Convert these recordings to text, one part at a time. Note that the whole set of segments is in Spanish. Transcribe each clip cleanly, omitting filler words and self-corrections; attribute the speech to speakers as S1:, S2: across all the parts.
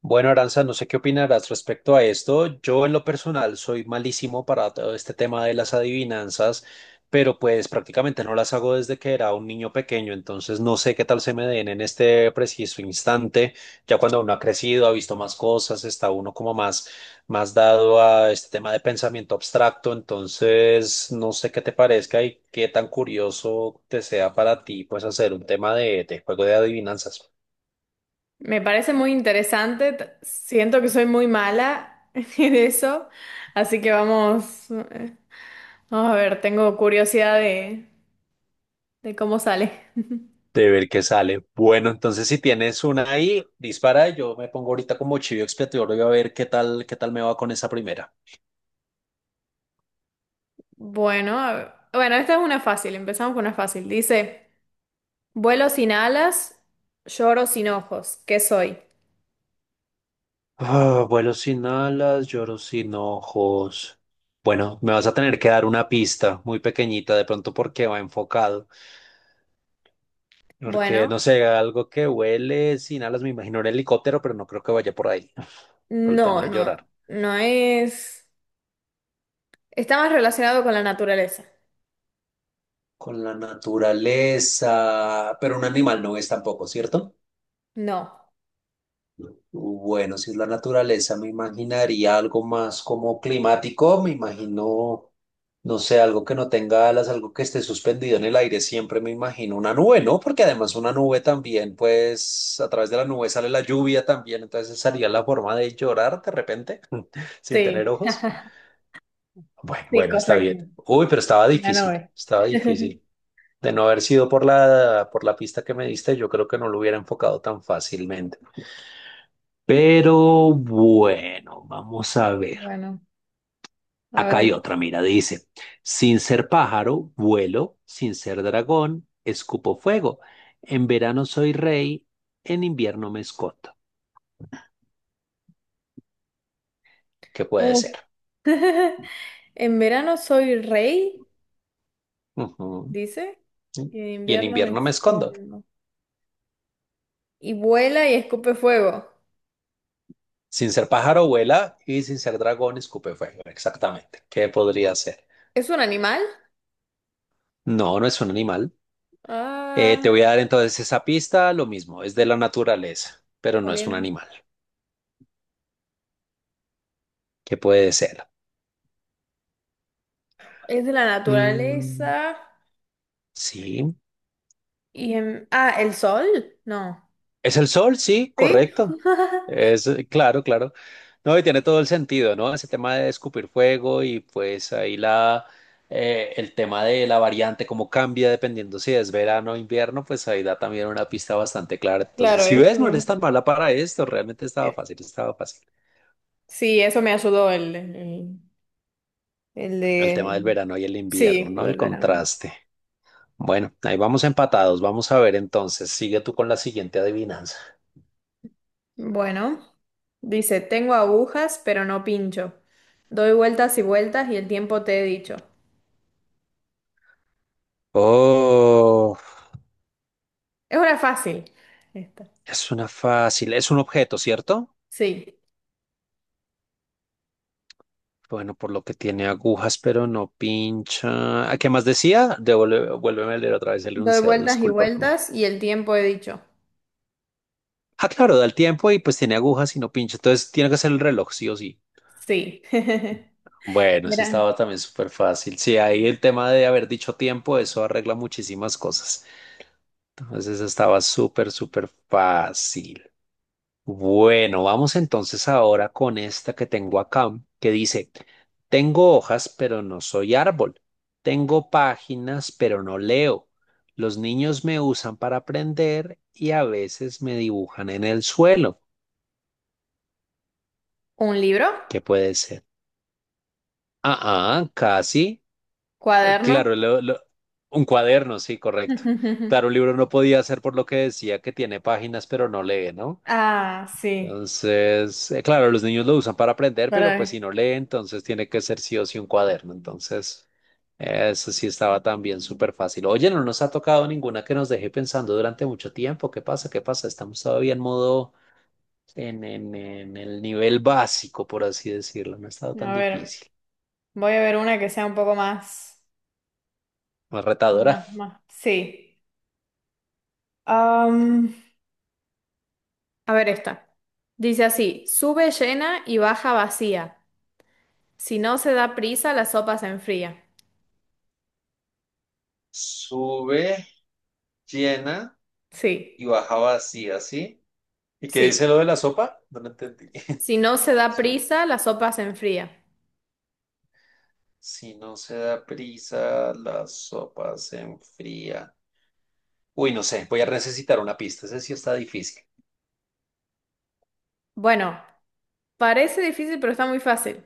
S1: Bueno, Aranza, no sé qué opinarás respecto a esto. Yo en lo personal soy malísimo para todo este tema de las adivinanzas, pero pues prácticamente no las hago desde que era un niño pequeño, entonces no sé qué tal se me den en este preciso instante. Ya cuando uno ha crecido, ha visto más cosas, está uno como más, más dado a este tema de pensamiento abstracto, entonces no sé qué te parezca y qué tan curioso te sea para ti pues hacer un tema de juego de adivinanzas.
S2: Me parece muy interesante. Siento que soy muy mala en eso, así que vamos, vamos a ver, tengo curiosidad de cómo sale.
S1: De ver qué sale. Bueno, entonces si tienes una ahí, dispara. Yo me pongo ahorita como chivo expiatorio y a ver qué tal me va con esa primera.
S2: Bueno, bueno, esta es una fácil, empezamos con una fácil. Dice, vuelo sin alas, lloro sin ojos, ¿qué soy?
S1: Ah, vuelo sin alas, lloro sin ojos. Bueno, me vas a tener que dar una pista muy pequeñita, de pronto porque va enfocado. Porque
S2: Bueno,
S1: no sé, algo que huele sin alas, me imagino un helicóptero, pero no creo que vaya por ahí, por el tema de llorar.
S2: no es... Está más relacionado con la naturaleza.
S1: Con la naturaleza, pero un animal no es tampoco, ¿cierto?
S2: No,
S1: Bueno, si es la naturaleza, me imaginaría algo más como climático, me imagino, no sé, algo que no tenga alas, algo que esté suspendido en el aire, siempre me imagino una nube, ¿no? Porque además una nube también, pues a través de la nube sale la lluvia también, entonces esa sería la forma de llorar de repente, sin
S2: sí,
S1: tener ojos. Bueno,
S2: sí,
S1: bueno, está bien.
S2: correcto.
S1: Uy, pero estaba
S2: La
S1: difícil,
S2: nube.
S1: estaba difícil. De no haber sido por la pista que me diste, yo creo que no lo hubiera enfocado tan fácilmente. Pero bueno, vamos a ver.
S2: Bueno, a
S1: Acá hay
S2: ver.
S1: otra, mira, dice, sin ser pájaro, vuelo, sin ser dragón, escupo fuego. En verano soy rey, en invierno me escondo. ¿Qué puede
S2: Oh.
S1: ser?
S2: En verano soy rey,
S1: Ujú.
S2: dice, y en
S1: Y en
S2: invierno me
S1: invierno me escondo.
S2: escondo. Y vuela y escupe fuego.
S1: Sin ser pájaro, vuela y sin ser dragón, escupe fuego. Exactamente. ¿Qué podría ser?
S2: ¿Es un animal?
S1: No, no es un animal. Te
S2: Ah,
S1: voy a dar entonces esa pista, lo mismo, es de la naturaleza, pero no es un
S2: también.
S1: animal. ¿Qué puede ser?
S2: Es de la
S1: Mm,
S2: naturaleza.
S1: sí,
S2: Y en... Ah, ¿el sol? No.
S1: es el sol, sí,
S2: ¿Sí?
S1: correcto. Es claro, claro. No, y tiene todo el sentido, ¿no? Ese tema de escupir fuego y pues ahí la el tema de la variante, cómo cambia dependiendo si es verano o invierno, pues ahí da también una pista bastante clara. Entonces,
S2: Claro,
S1: si ves, no eres
S2: eso.
S1: tan mala para esto, realmente estaba
S2: eh,
S1: fácil, estaba fácil.
S2: Sí, eso me ayudó el
S1: El
S2: de...
S1: tema del verano y el invierno,
S2: Sí,
S1: ¿no?
S2: lo
S1: El
S2: del verano.
S1: contraste. Bueno, ahí vamos empatados. Vamos a ver entonces. Sigue tú con la siguiente adivinanza.
S2: Bueno, dice, tengo agujas, pero no pincho. Doy vueltas y vueltas y el tiempo te he dicho.
S1: Oh.
S2: Es una fácil. Esta.
S1: Es una fácil, es un objeto, ¿cierto?
S2: Sí.
S1: Bueno, por lo que tiene agujas, pero no pincha. ¿A qué más decía? Devuelve, vuélveme a leer otra vez el
S2: Doy
S1: enunciado,
S2: vueltas y
S1: discúlpame.
S2: vueltas y el tiempo he dicho.
S1: Ah, claro, da el tiempo y pues tiene agujas y no pincha. Entonces tiene que ser el reloj, sí o sí.
S2: Sí.
S1: Bueno, eso
S2: Mira.
S1: estaba también súper fácil. Sí, ahí el tema de haber dicho tiempo, eso arregla muchísimas cosas. Entonces eso estaba súper, súper fácil. Bueno, vamos entonces ahora con esta que tengo acá, que dice, tengo hojas, pero no soy árbol. Tengo páginas, pero no leo. Los niños me usan para aprender y a veces me dibujan en el suelo.
S2: ¿Un libro?
S1: ¿Qué puede ser? Ah, ah, casi.
S2: ¿Cuaderno?
S1: Claro, lo- Un cuaderno, sí, correcto. Claro, un libro no podía ser por lo que decía que tiene páginas, pero no lee, ¿no?
S2: Ah, sí.
S1: Entonces, claro, los niños lo usan para aprender, pero pues
S2: Para,
S1: si no lee, entonces tiene que ser sí o sí un cuaderno. Entonces, eso sí estaba también súper fácil. Oye, no nos ha tocado ninguna que nos deje pensando durante mucho tiempo. ¿Qué pasa? ¿Qué pasa? Estamos todavía en modo, en el nivel básico, por así decirlo. No ha estado tan
S2: a ver,
S1: difícil.
S2: voy a ver una que sea un poco más,
S1: Más retadora.
S2: más, más. Sí. Am, a ver esta. Dice así, sube llena y baja vacía. Si no se da prisa, la sopa se enfría.
S1: Sube llena
S2: Sí,
S1: y baja vacía, ¿sí? ¿Y qué dice
S2: sí.
S1: lo de la sopa? No lo entendí.
S2: Si no se da
S1: Su-
S2: prisa, la sopa se enfría.
S1: Si no se da prisa, la sopa se enfría. Uy, no sé, voy a necesitar una pista. Ese sí está difícil.
S2: Bueno, parece difícil, pero está muy fácil.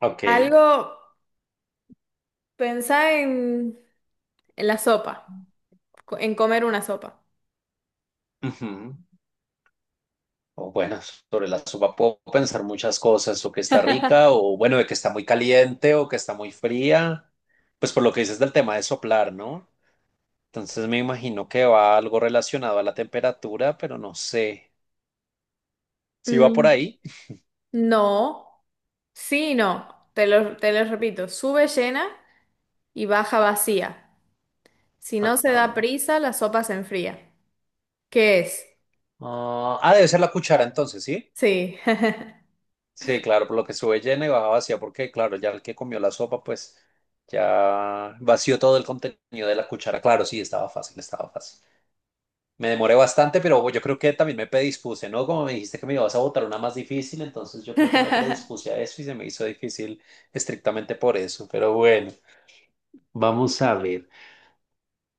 S1: Ok.
S2: Algo, pensá en, en la sopa, en comer una sopa.
S1: Ujú. O bueno, sobre la sopa puedo pensar muchas cosas, o que está rica, o bueno, de que está muy caliente, o que está muy fría. Pues por lo que dices del tema de soplar, ¿no? Entonces me imagino que va algo relacionado a la temperatura, pero no sé. ¿Sí va por
S2: Mm,
S1: ahí?
S2: No, sí, y no. Te lo repito, sube llena y baja vacía. Si no se
S1: Ajá.
S2: da prisa, la sopa se enfría. ¿Qué es?
S1: Debe ser la cuchara entonces, ¿sí?
S2: Sí.
S1: Sí, claro, por lo que sube llena y baja vacía, porque claro, ya el que comió la sopa, pues ya vació todo el contenido de la cuchara. Claro, sí, estaba fácil, estaba fácil. Me demoré bastante, pero yo creo que también me predispuse, ¿no? Como me dijiste que me ibas a botar una más difícil, entonces yo creo que me predispuse a eso y se me hizo difícil estrictamente por eso. Pero bueno, vamos a ver.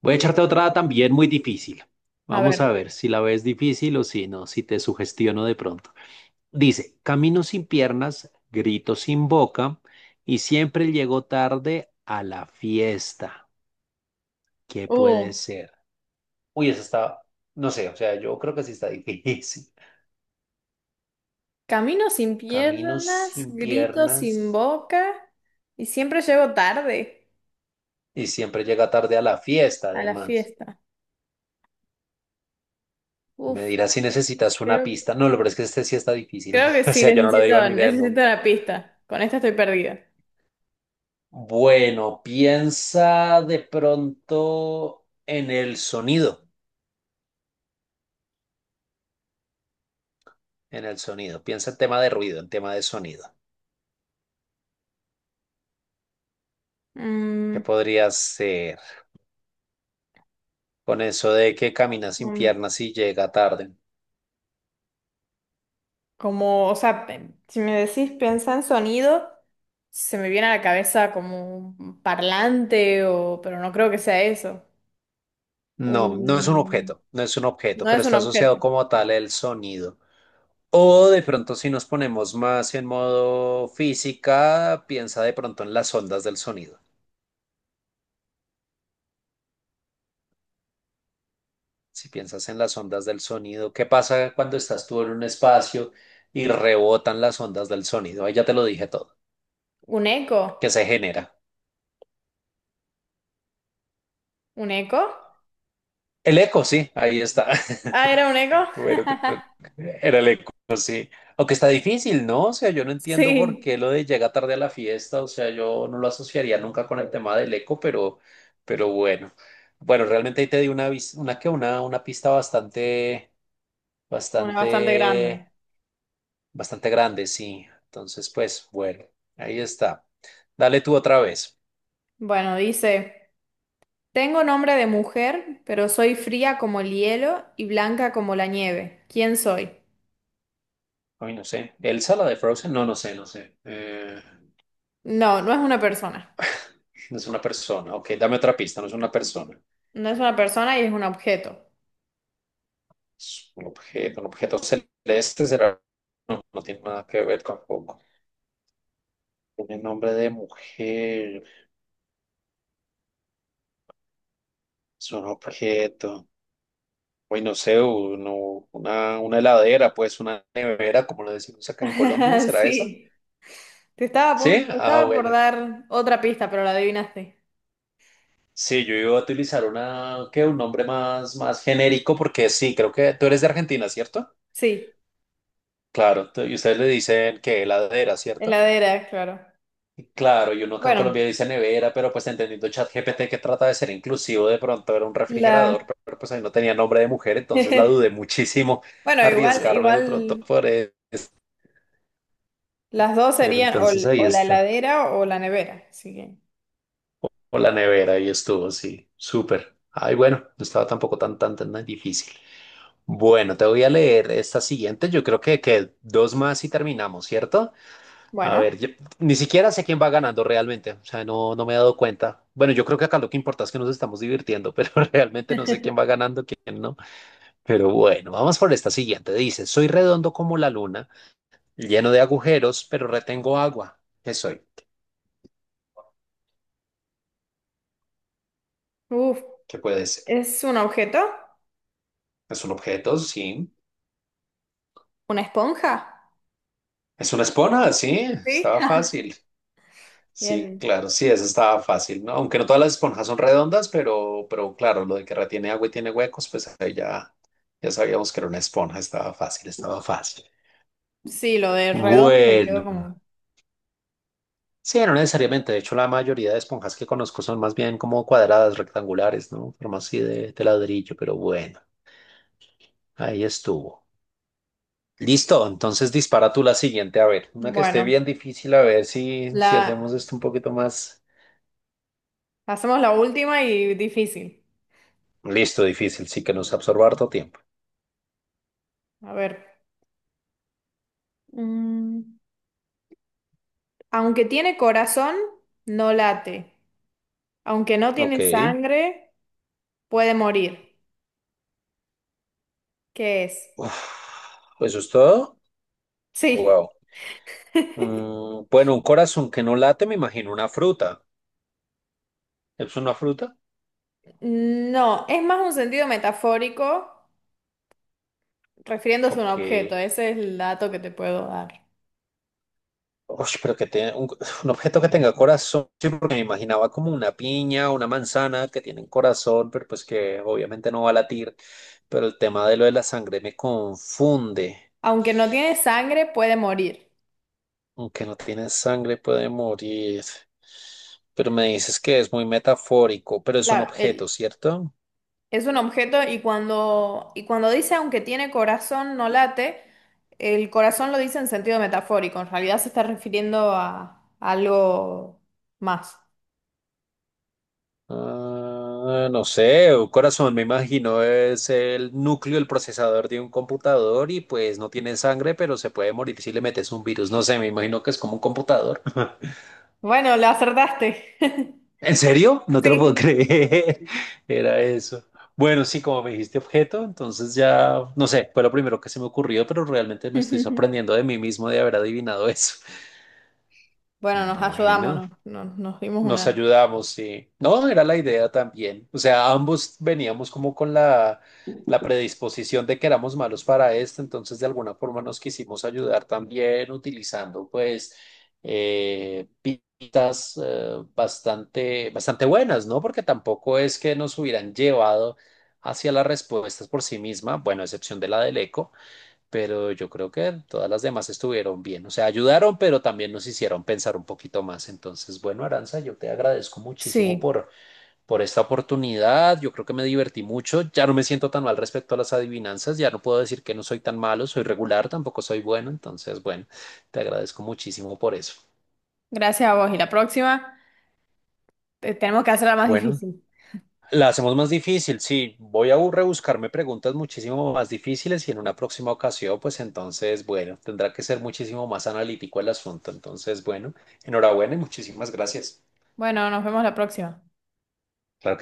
S1: Voy a echarte otra también muy difícil.
S2: A
S1: Vamos a
S2: ver.
S1: ver si la ves difícil o si no, si te sugestiono de pronto. Dice, camino sin piernas, grito sin boca y siempre llego tarde a la fiesta. ¿Qué puede
S2: Uh.
S1: ser? Uy, esa está, no sé, o sea, yo creo que sí está difícil.
S2: Camino sin
S1: Camino
S2: piernas,
S1: sin
S2: grito
S1: piernas
S2: sin boca y siempre llego tarde
S1: y siempre llega tarde a la fiesta,
S2: a la
S1: además.
S2: fiesta.
S1: Me
S2: Uf,
S1: dirás si necesitas una
S2: creo,
S1: pista. No, lo peor es que este sí está difícil.
S2: creo que
S1: O
S2: sí,
S1: sea, yo no lo debo
S2: necesito,
S1: ni leer
S2: necesito
S1: nunca.
S2: una pista. Con esta estoy perdida.
S1: Bueno, piensa de pronto en el sonido. En el sonido. Piensa en tema de ruido, en tema de sonido. ¿Qué
S2: Mm,
S1: podría ser con eso de que camina sin
S2: mm,
S1: piernas y llega tarde?
S2: Como, o sea, si me decís piensa en sonido, se me viene a la cabeza como un parlante o, pero no creo que sea eso.
S1: No, no es un
S2: Un,
S1: objeto, no es un objeto,
S2: no
S1: pero
S2: es un
S1: está asociado
S2: objeto.
S1: como tal el sonido. O de pronto si nos ponemos más en modo física, piensa de pronto en las ondas del sonido. Si piensas en las ondas del sonido, ¿qué pasa cuando estás tú en un espacio y rebotan las ondas del sonido? Ahí ya te lo dije todo,
S2: ¿Un eco?
S1: que se genera.
S2: ¿Un eco?
S1: El eco, sí, ahí está.
S2: Ah, era un eco.
S1: Bueno, creo que era el eco, sí. Aunque está difícil, ¿no? O sea, yo no entiendo por
S2: Sí.
S1: qué lo de llega tarde a la fiesta, o sea, yo no lo asociaría nunca con el tema del eco, pero bueno. Bueno, realmente ahí te di una, una pista
S2: Una bastante grande.
S1: bastante, bastante grande, sí. Entonces, pues, bueno, ahí está. Dale tú otra vez.
S2: Bueno, dice, tengo nombre de mujer, pero soy fría como el hielo y blanca como la nieve. ¿Quién soy?
S1: Ay, no sé. ¿Elsa, la de Frozen? No, no sé, no sé.
S2: No, no es una persona.
S1: No es una persona. Ok, dame otra pista, no es una persona.
S2: No es una persona y es un objeto.
S1: Es un objeto celeste será, no, no tiene nada que ver tampoco. Tiene nombre de mujer, es un objeto. Uy, no sé, una heladera, pues una nevera, como lo decimos acá en Colombia, ¿será eso?
S2: Sí.
S1: Sí,
S2: Te
S1: ah,
S2: estaba por
S1: bueno.
S2: dar otra pista, pero la adivinaste.
S1: Sí, yo iba a utilizar una, qué un nombre más, más genérico, porque sí, creo que tú eres de Argentina, ¿cierto?
S2: Sí,
S1: Claro, y ustedes le dicen que heladera, ¿cierto?
S2: heladera, claro.
S1: Claro, y uno acá en
S2: Bueno,
S1: Colombia dice nevera, pero pues entendiendo ChatGPT que trata de ser inclusivo, de pronto era un
S2: la
S1: refrigerador, pero pues ahí no tenía nombre de mujer, entonces la dudé muchísimo
S2: Bueno, igual,
S1: arriesgarme de pronto
S2: igual
S1: por él.
S2: las dos
S1: Pero
S2: serían
S1: entonces ahí
S2: o la
S1: está.
S2: heladera o la nevera, así que,
S1: O la nevera, ahí estuvo, sí, súper. Ay, bueno, no estaba tampoco tan, tan, tan difícil. Bueno, te voy a leer esta siguiente, yo creo que dos más y terminamos, ¿cierto? A
S2: bueno.
S1: ver, ni siquiera sé quién va ganando realmente, o sea, no, no me he dado cuenta. Bueno, yo creo que acá lo que importa es que nos estamos divirtiendo, pero realmente no sé quién va ganando, quién no. Pero bueno, vamos por esta siguiente. Dice, soy redondo como la luna, lleno de agujeros, pero retengo agua. ¿Qué soy?
S2: Uf.
S1: ¿Qué puede ser?
S2: ¿Es un objeto?
S1: ¿Es un objeto? Sí.
S2: ¿Una esponja?
S1: ¿Es una espona? Sí,
S2: Sí.
S1: estaba fácil. Sí,
S2: Bien.
S1: claro, sí, eso estaba fácil, ¿no? Aunque no todas las esponjas son redondas, pero claro, lo de que retiene agua y tiene huecos, pues ahí ya, ya sabíamos que era una esponja, estaba fácil, estaba fácil.
S2: Sí, lo de redondo me quedó
S1: Bueno,
S2: como.
S1: sí, no necesariamente, de hecho la mayoría de esponjas que conozco son más bien como cuadradas, rectangulares, ¿no? Forma así de ladrillo, pero bueno, ahí estuvo. Listo, entonces dispara tú la siguiente, a ver, una que esté
S2: Bueno,
S1: bien difícil, a ver si, si hacemos
S2: la
S1: esto un poquito más...
S2: hacemos la última y difícil.
S1: Listo, difícil, sí que nos absorba harto tiempo.
S2: A ver. Mm, Aunque tiene corazón, no late. Aunque no
S1: Ok.
S2: tiene sangre, puede morir. ¿Qué es?
S1: Uf, ¿eso es todo?
S2: Sí.
S1: Wow. Bueno, un corazón que no late, me imagino una fruta. ¿Es una fruta?
S2: No, es más un sentido metafórico refiriéndose a un
S1: Ok.
S2: objeto. Ese es el dato que te puedo dar.
S1: Ush, pero que tenga un, un objeto que tenga corazón. Sí, porque me imaginaba como una piña, una manzana que tienen corazón, pero pues que obviamente no va a latir. Pero el tema de lo de la sangre me confunde.
S2: Aunque no tiene sangre, puede morir.
S1: Aunque no tiene sangre, puede morir. Pero me dices que es muy metafórico, pero es un
S2: Claro,
S1: objeto,
S2: el-
S1: ¿cierto?
S2: Es un objeto y y cuando dice aunque tiene corazón no late, el corazón lo dice en sentido metafórico, en realidad se está refiriendo a algo más.
S1: Ah, no sé, un corazón me imagino es el núcleo, el procesador de un computador y pues no tiene sangre, pero se puede morir si le metes un virus. No sé, me imagino que es como un computador.
S2: Bueno, le acertaste.
S1: ¿En serio? No te lo puedo
S2: Sí.
S1: creer. Era eso. Bueno, sí, como me dijiste objeto, entonces ya, no sé, fue lo primero que se me ocurrió, pero realmente me estoy sorprendiendo de mí mismo de haber adivinado eso.
S2: Bueno, nos ayudamos,
S1: Bueno.
S2: nos, nos- nos dimos
S1: Nos
S2: una.
S1: ayudamos, sí. No, era la idea también. O sea, ambos veníamos como con la, la predisposición de que éramos malos para esto, entonces de alguna forma nos quisimos ayudar también utilizando pues pistas bastante, bastante buenas, ¿no? Porque tampoco es que nos hubieran llevado hacia las respuestas por sí misma, bueno, a excepción de la del eco pero yo creo que todas las demás estuvieron bien. O sea, ayudaron, pero también nos hicieron pensar un poquito más. Entonces, bueno, Aranza, yo te agradezco muchísimo
S2: Sí,
S1: por esta oportunidad. Yo creo que me divertí mucho. Ya no me siento tan mal respecto a las adivinanzas. Ya no puedo decir que no soy tan malo, soy regular, tampoco soy bueno. Entonces, bueno, te agradezco muchísimo por eso.
S2: gracias a vos. Y la próxima, tenemos que hacerla más
S1: Bueno,
S2: difícil.
S1: la hacemos más difícil, sí. Voy a rebuscarme preguntas muchísimo más difíciles y en una próxima ocasión, pues entonces, bueno, tendrá que ser muchísimo más analítico el asunto. Entonces, bueno, enhorabuena y muchísimas gracias.
S2: Bueno, nos vemos la próxima.
S1: Claro